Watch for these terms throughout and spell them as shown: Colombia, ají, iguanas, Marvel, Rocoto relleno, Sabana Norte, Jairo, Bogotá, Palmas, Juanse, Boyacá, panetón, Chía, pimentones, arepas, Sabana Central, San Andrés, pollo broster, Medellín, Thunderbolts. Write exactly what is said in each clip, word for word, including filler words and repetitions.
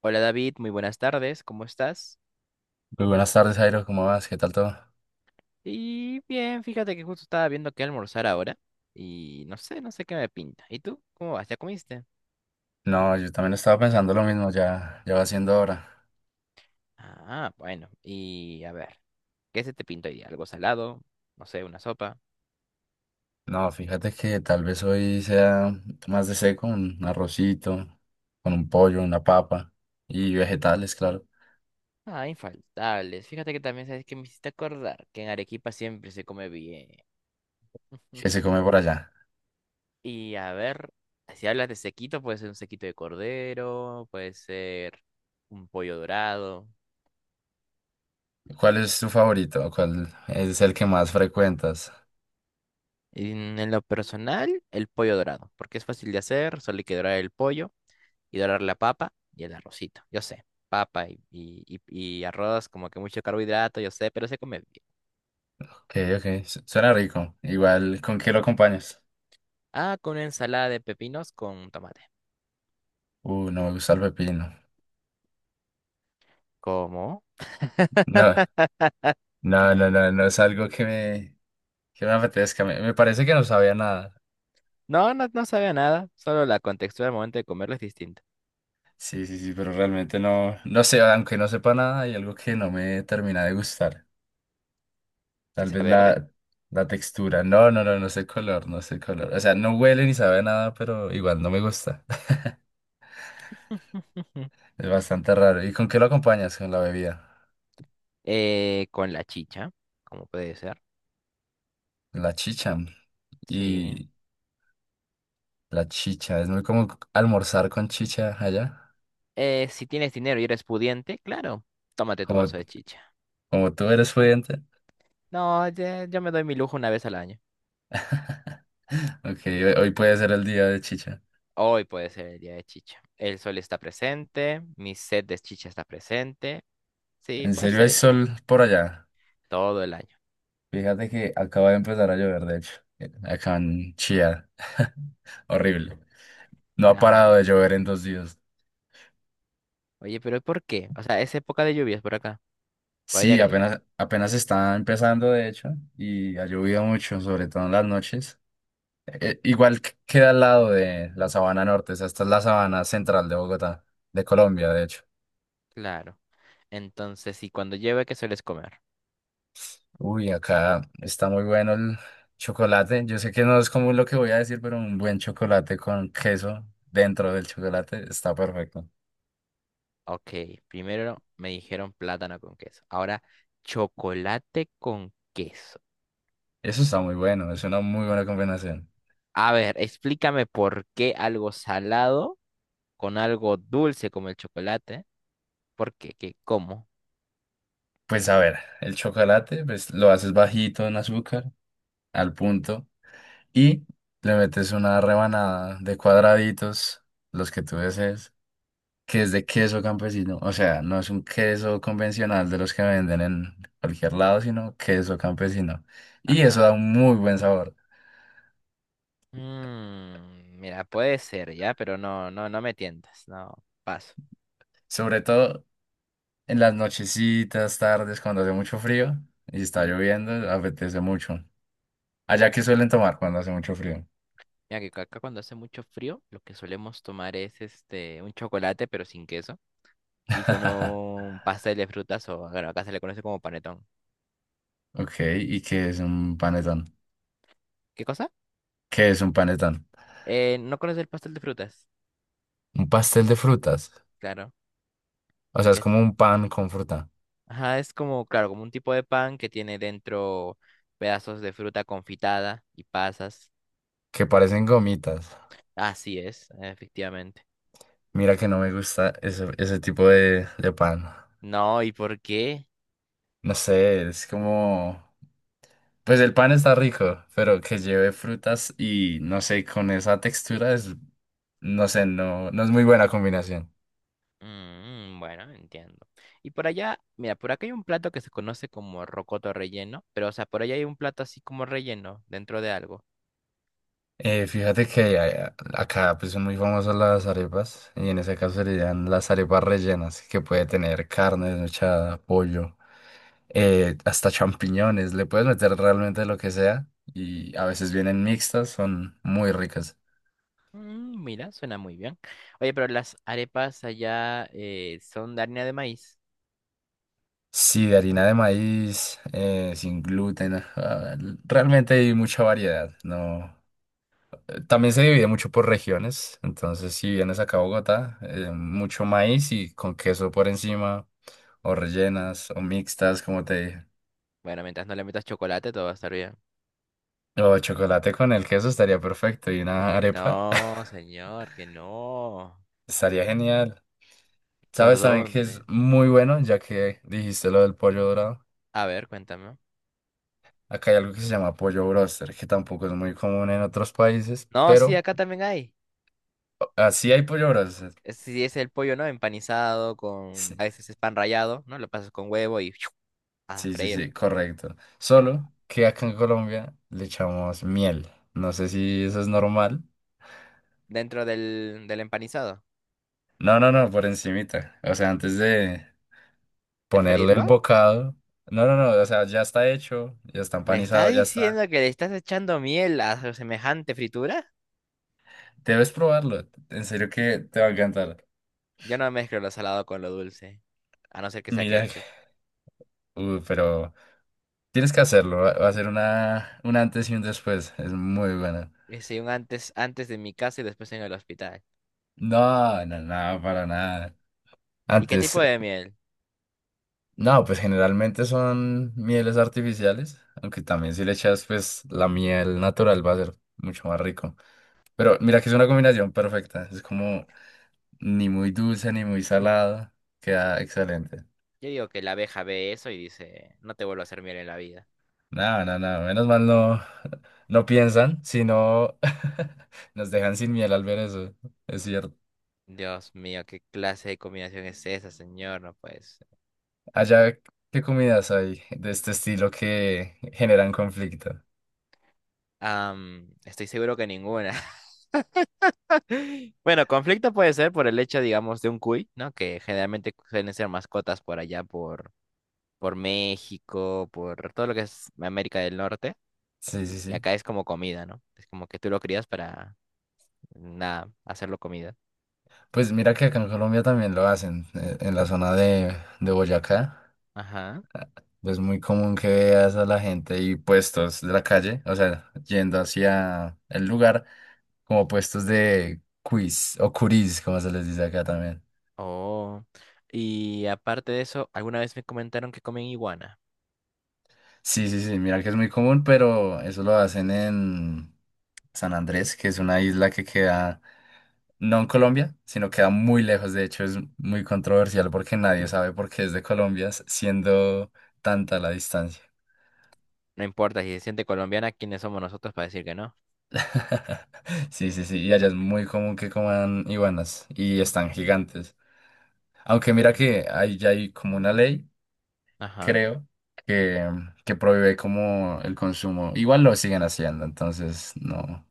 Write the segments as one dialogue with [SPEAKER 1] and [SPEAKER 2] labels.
[SPEAKER 1] Hola David, muy buenas tardes, ¿cómo estás?
[SPEAKER 2] Muy buenas tardes, Jairo, ¿cómo vas? ¿Qué tal todo?
[SPEAKER 1] Y bien, fíjate que justo estaba viendo qué almorzar ahora y no sé, no sé qué me pinta. ¿Y tú? ¿Cómo vas? ¿Ya comiste?
[SPEAKER 2] No, yo también estaba pensando lo mismo, ya, ya va siendo hora.
[SPEAKER 1] Ah, bueno, y a ver, ¿qué se te pinta hoy día? ¿Algo salado? No sé, una sopa.
[SPEAKER 2] No, fíjate que tal vez hoy sea más de seco, un arrocito, con un pollo, una papa y vegetales, claro,
[SPEAKER 1] Ah, infaltables. Fíjate que también sabes que me hiciste acordar que en Arequipa siempre se come bien.
[SPEAKER 2] que se come por allá.
[SPEAKER 1] Y a ver, si hablas de sequito, puede ser un sequito de cordero, puede ser un pollo dorado.
[SPEAKER 2] ¿Cuál es tu favorito? ¿Cuál es el que más frecuentas?
[SPEAKER 1] En, en lo personal, el pollo dorado, porque es fácil de hacer, solo hay que dorar el pollo y dorar la papa y el arrocito. Yo sé, papa y, y, y- y- arroz, como que mucho carbohidrato, yo sé, pero se come bien.
[SPEAKER 2] Ok, ok, su- suena rico. Igual, ¿con qué lo acompañas?
[SPEAKER 1] Ah, con una ensalada de pepinos con tomate.
[SPEAKER 2] Uh, no me gusta el pepino.
[SPEAKER 1] ¿Cómo?
[SPEAKER 2] No, no, no, no, no es algo que me, que me apetezca. Me, me parece que no sabía nada.
[SPEAKER 1] No, no, no sabe a nada, solo la contextura al momento de comerlo es distinta.
[SPEAKER 2] Sí, sí, sí, pero realmente no, no sé, aunque no sepa nada, hay algo que no me termina de gustar.
[SPEAKER 1] Que
[SPEAKER 2] Tal
[SPEAKER 1] sea
[SPEAKER 2] vez
[SPEAKER 1] verde.
[SPEAKER 2] la, la textura. No, no, no, no sé el color, no sé el color. O sea, no huele ni sabe a nada, pero igual no me gusta.
[SPEAKER 1] Ujú.
[SPEAKER 2] Es bastante raro. ¿Y con qué lo acompañas? Con la bebida.
[SPEAKER 1] Eh, con la chicha, como puede ser.
[SPEAKER 2] La chicha.
[SPEAKER 1] Sí.
[SPEAKER 2] Y la chicha, es muy como almorzar con chicha allá.
[SPEAKER 1] Eh, si tienes dinero y eres pudiente, claro, tómate tu
[SPEAKER 2] Como,
[SPEAKER 1] vaso de chicha.
[SPEAKER 2] como tú eres pudiente.
[SPEAKER 1] No, ya- yo me doy mi lujo una vez al año.
[SPEAKER 2] Ok, hoy hoy puede ser el día de chicha.
[SPEAKER 1] Hoy puede ser el día de chicha. El sol está presente, mi sed de chicha está presente. Sí,
[SPEAKER 2] ¿En
[SPEAKER 1] puede
[SPEAKER 2] serio
[SPEAKER 1] ser
[SPEAKER 2] hay
[SPEAKER 1] el día,
[SPEAKER 2] sol por allá?
[SPEAKER 1] todo el año.
[SPEAKER 2] Fíjate que acaba de empezar a llover, de hecho, acá en Chía. Horrible. No ha parado
[SPEAKER 1] Ah,
[SPEAKER 2] de llover en dos días.
[SPEAKER 1] oye, pero ¿por qué? O sea, es época de lluvias por acá, por allá
[SPEAKER 2] Sí,
[SPEAKER 1] que diga.
[SPEAKER 2] apenas, apenas está empezando, de hecho, y ha llovido mucho, sobre todo en las noches. Eh, igual que- queda al lado de la Sabana Norte, o sea, esta es la Sabana Central de Bogotá, de Colombia, de hecho.
[SPEAKER 1] Claro. Entonces, si cuando llueve, ¿qué sueles comer?
[SPEAKER 2] Uy, acá está muy bueno el chocolate. Yo sé que no es común lo que voy a decir, pero un buen chocolate con queso dentro del chocolate está perfecto.
[SPEAKER 1] Ok, primero me dijeron plátano con queso. Ahora, chocolate con queso.
[SPEAKER 2] Eso está muy bueno, es una muy buena combinación.
[SPEAKER 1] A ver, explícame por qué algo salado con algo dulce como el chocolate. ¿Por qué? ¿Qué? ¿Cómo?
[SPEAKER 2] Pues a ver, el chocolate, pues lo haces bajito en azúcar, al punto, y le metes una rebanada de cuadraditos, los que tú desees, que es de queso campesino. O sea, no es un queso convencional de los que venden en cualquier lado, sino queso campesino. Y eso da
[SPEAKER 1] Ajá.
[SPEAKER 2] un muy buen sabor,
[SPEAKER 1] Mm, mira, puede ser ya, pero no, no, no me tientas, no, paso.
[SPEAKER 2] sobre todo en las nochecitas, tardes, cuando hace mucho frío y está
[SPEAKER 1] Sí.
[SPEAKER 2] lloviendo, apetece mucho. Allá que suelen tomar cuando hace mucho frío.
[SPEAKER 1] Mira que acá cuando hace mucho frío, lo que solemos tomar es este un chocolate pero sin queso y con un pastel de frutas o bueno, acá se le conoce como panetón.
[SPEAKER 2] Ok, ¿y qué es un panetón?
[SPEAKER 1] ¿Qué cosa?
[SPEAKER 2] ¿Qué es un panetón?
[SPEAKER 1] Eh, ¿no conoces el pastel de frutas?
[SPEAKER 2] Un pastel de frutas.
[SPEAKER 1] Claro,
[SPEAKER 2] O sea,
[SPEAKER 1] que
[SPEAKER 2] es
[SPEAKER 1] es,
[SPEAKER 2] como un pan con fruta,
[SPEAKER 1] ajá, es como claro, como un tipo de pan que tiene dentro pedazos de fruta confitada y pasas.
[SPEAKER 2] que parecen gomitas.
[SPEAKER 1] Así es, efectivamente.
[SPEAKER 2] Mira que no me gusta ese, ese tipo de, de pan.
[SPEAKER 1] No, ¿y por qué?
[SPEAKER 2] No sé, es como... Pues el pan está rico, pero que lleve frutas y no sé, con esa textura es... No sé, no, no es muy buena combinación.
[SPEAKER 1] Mm, mm, bueno, entiendo. Y por allá, mira, por acá hay un plato que se conoce como rocoto relleno, pero o sea, por allá hay un plato así como relleno dentro de algo.
[SPEAKER 2] Eh, fíjate que a- acá pues son muy famosas las arepas y en ese caso serían las arepas rellenas que puede tener carne desmechada, pollo, eh, hasta champiñones, le puedes meter realmente lo que sea y a veces vienen mixtas, son muy ricas.
[SPEAKER 1] Mm, mira, suena muy bien. Oye, pero las arepas allá eh, son de harina de maíz.
[SPEAKER 2] Sí, de harina de maíz, eh, sin gluten, ah, realmente hay mucha variedad, ¿no? Eh, También se divide mucho por regiones, entonces si vienes acá a Bogotá, eh, mucho maíz y con queso por encima, o rellenas, o mixtas, como te dije.
[SPEAKER 1] Bueno, mientras no le metas chocolate, todo va a estar bien.
[SPEAKER 2] O chocolate con el queso estaría perfecto y una
[SPEAKER 1] Que
[SPEAKER 2] arepa
[SPEAKER 1] no, señor, que no.
[SPEAKER 2] estaría genial.
[SPEAKER 1] ¿Por
[SPEAKER 2] ¿Sabes también que es
[SPEAKER 1] dónde?
[SPEAKER 2] muy bueno, ya que dijiste lo del pollo dorado?
[SPEAKER 1] A ver, cuéntame.
[SPEAKER 2] Acá hay algo que se llama pollo broster, que tampoco es muy común en otros países,
[SPEAKER 1] No, sí,
[SPEAKER 2] pero
[SPEAKER 1] acá también hay.
[SPEAKER 2] así hay pollo broster.
[SPEAKER 1] Es Si es el pollo, ¿no? Empanizado con,
[SPEAKER 2] Sí,
[SPEAKER 1] a veces es pan rallado, ¿no? Lo pasas con huevo y a
[SPEAKER 2] sí, sí, sí,
[SPEAKER 1] freírlo.
[SPEAKER 2] correcto. Solo que acá en Colombia le echamos miel. No sé si eso es normal.
[SPEAKER 1] Dentro del, del empanizado,
[SPEAKER 2] No, no, no, por encimita. O sea, antes de,
[SPEAKER 1] De
[SPEAKER 2] ponerle el
[SPEAKER 1] freírlo.
[SPEAKER 2] bocado. No, no, no, o sea, ya está hecho, ya está
[SPEAKER 1] ¿Me estás
[SPEAKER 2] empanizado, ya
[SPEAKER 1] diciendo
[SPEAKER 2] está.
[SPEAKER 1] que le estás echando miel a semejante fritura?
[SPEAKER 2] Debes probarlo, en serio que te va a encantar.
[SPEAKER 1] Yo no mezclo lo salado con lo dulce, a no ser que sea
[SPEAKER 2] Mira, que-
[SPEAKER 1] ketchup.
[SPEAKER 2] uh, pero tienes que hacerlo, va va a ser una, un antes y un después, es muy buena.
[SPEAKER 1] Hice un antes, antes de mi casa y después en el hospital.
[SPEAKER 2] No, no, no, para nada.
[SPEAKER 1] ¿Y qué
[SPEAKER 2] Antes,
[SPEAKER 1] tipo de miel?
[SPEAKER 2] no, pues generalmente son mieles artificiales, aunque también si le echas pues la miel natural va a ser mucho más rico. Pero mira que es una combinación perfecta, es como ni muy dulce ni muy salado. Queda excelente.
[SPEAKER 1] Yo digo que la abeja ve eso y dice, no te vuelvo a hacer miel en la vida.
[SPEAKER 2] No, no, no, menos mal no, no piensan, sino nos dejan sin miel al ver eso, es cierto.
[SPEAKER 1] Dios mío, ¿qué clase de combinación es esa, señor? No pues.
[SPEAKER 2] Allá, ¿qué comidas hay de este estilo que generan conflicto?
[SPEAKER 1] Estoy seguro que ninguna. Bueno, conflicto puede ser por el hecho, digamos, de un cuy, ¿no? Que generalmente suelen ser mascotas por allá, por, por México, por todo lo que es América del Norte.
[SPEAKER 2] Sí,
[SPEAKER 1] Y
[SPEAKER 2] sí,
[SPEAKER 1] y
[SPEAKER 2] sí.
[SPEAKER 1] acá es como comida, ¿no? Es como que tú lo crías para, nada, hacerlo comida.
[SPEAKER 2] Pues mira que acá en Colombia también lo hacen, eh, en la zona de, de Boyacá.
[SPEAKER 1] Ajá.
[SPEAKER 2] Es muy común que veas a la gente y puestos de la calle, o sea, yendo hacia el lugar, como puestos de quiz o curis, como se les dice acá también.
[SPEAKER 1] Oh. Y aparte de eso, alguna vez me comentaron que comen iguana.
[SPEAKER 2] Sí, sí, sí, mira que es muy común, pero eso lo hacen en San Andrés, que es una isla que queda no en Colombia, sino queda muy lejos. De hecho, es muy controversial porque nadie sabe por qué es de Colombia, s- siendo tanta la distancia.
[SPEAKER 1] No importa, si se siente colombiana, ¿quiénes somos nosotros para decir que no?
[SPEAKER 2] Sí, sí, sí, y allá es muy común que coman iguanas y están gigantes. Aunque mira
[SPEAKER 1] Mm.
[SPEAKER 2] que hay, ya hay como una ley,
[SPEAKER 1] Ajá.
[SPEAKER 2] creo, que, que prohíbe como el consumo. Igual lo siguen haciendo, entonces no,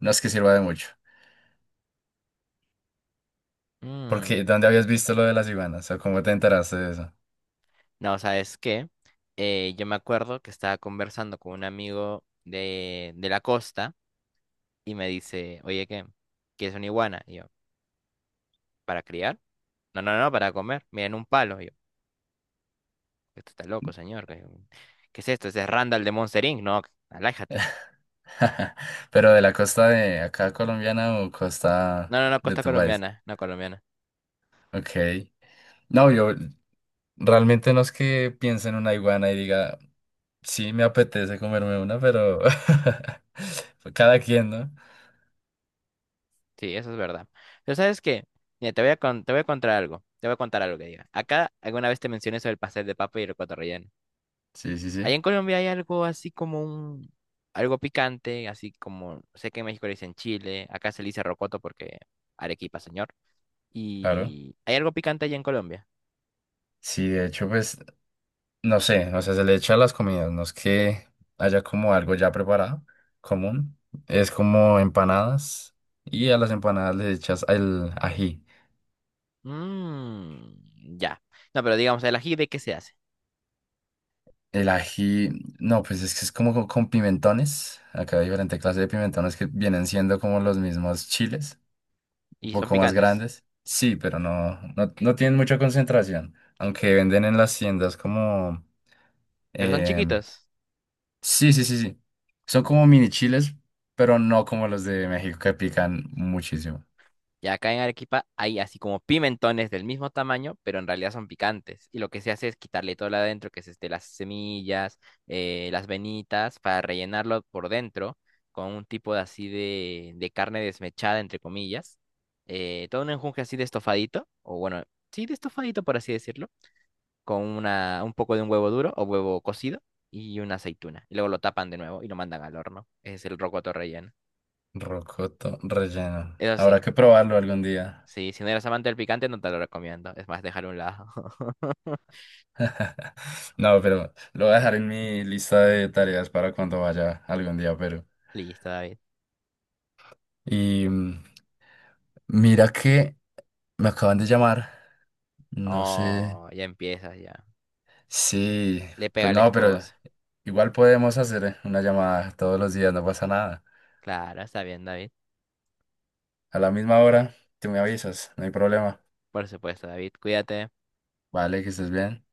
[SPEAKER 2] no es que sirva de mucho.
[SPEAKER 1] Mm.
[SPEAKER 2] Porque ¿dónde habías visto lo de las iguanas? ¿O cómo te enteraste de eso?
[SPEAKER 1] No, sabes que eh, yo me acuerdo que estaba conversando con un amigo de, de la costa y me dice, oye, ¿qué? ¿Quieres una iguana? Y yo, ¿para criar? No, no, no, para comer. Miren un palo. Y yo, esto está loco, señor. ¿Qué, qué es esto? Ese es Randall de Monster inc. No, alájate.
[SPEAKER 2] Pero de la costa de acá colombiana o
[SPEAKER 1] No,
[SPEAKER 2] costa
[SPEAKER 1] no, no,
[SPEAKER 2] de
[SPEAKER 1] costa
[SPEAKER 2] tu país.
[SPEAKER 1] colombiana, no colombiana.
[SPEAKER 2] Ok. No, yo realmente no es que piense en una iguana y diga, sí, me apetece comerme una, pero cada quien, ¿no?
[SPEAKER 1] Sí, eso es verdad. Pero ¿sabes qué? Mira, te voy a, con- te voy a contar algo. Te voy a contar algo que diga. Acá alguna vez te mencioné sobre el pastel de papa y el cotorrelleno.
[SPEAKER 2] Sí, sí,
[SPEAKER 1] Allá
[SPEAKER 2] sí,
[SPEAKER 1] en Colombia hay algo así como un, algo picante, así como, sé que en México le dicen chile, acá se le dice rocoto porque Arequipa, señor.
[SPEAKER 2] claro.
[SPEAKER 1] Y hay algo picante allá en Colombia.
[SPEAKER 2] Sí, de hecho, pues, no sé, o sea, se le echa a las comidas, no es que haya como algo ya preparado, común, es como empanadas y a las empanadas le echas el ají.
[SPEAKER 1] Mmm, ya. No, pero digamos, el ají de qué se hace.
[SPEAKER 2] El ají, no, pues es que es como co- con pimentones, acá hay diferentes clases de pimentones que vienen siendo como los mismos chiles, un
[SPEAKER 1] Y son
[SPEAKER 2] poco más
[SPEAKER 1] picantes,
[SPEAKER 2] grandes, sí, pero no, no, no tienen mucha concentración, aunque venden en las tiendas como...
[SPEAKER 1] pero son
[SPEAKER 2] em,
[SPEAKER 1] chiquitos.
[SPEAKER 2] Sí, sí, sí, sí. Son como mini chiles, pero no como los de México que pican muchísimo.
[SPEAKER 1] Y acá en Arequipa hay así como pimentones del mismo tamaño, pero en realidad son picantes. Y lo que se hace es quitarle todo lo adentro, que es este, las semillas, eh, las venitas, para rellenarlo por dentro con un tipo de así de, de carne desmechada, entre comillas. Eh, todo un enjunje así de estofadito, o bueno, sí, de estofadito, por así decirlo, con una, un poco de un huevo duro o huevo cocido y una aceituna. Y luego lo tapan de nuevo y lo mandan al horno. Ese es el rocoto relleno.
[SPEAKER 2] Rocoto relleno.
[SPEAKER 1] Eso
[SPEAKER 2] Habrá
[SPEAKER 1] sí,
[SPEAKER 2] que probarlo algún día.
[SPEAKER 1] sí, si no eres amante del picante, no te lo recomiendo. Es más, dejar a un lado.
[SPEAKER 2] No, pero lo voy a dejar en mi lista de tareas para cuando vaya algún día, pero...
[SPEAKER 1] Listo, David.
[SPEAKER 2] Y mm, mira que me acaban de llamar. No sé.
[SPEAKER 1] Oh, ya empiezas ya.
[SPEAKER 2] Sí,
[SPEAKER 1] Le pega a
[SPEAKER 2] pues
[SPEAKER 1] la
[SPEAKER 2] no, pero
[SPEAKER 1] esposa.
[SPEAKER 2] igual podemos hacer una llamada todos los días, no pasa nada.
[SPEAKER 1] Claro, está bien, David.
[SPEAKER 2] A la misma hora, tú me avisas, no hay problema.
[SPEAKER 1] Por supuesto, David. Cuídate.
[SPEAKER 2] Vale, que estés bien.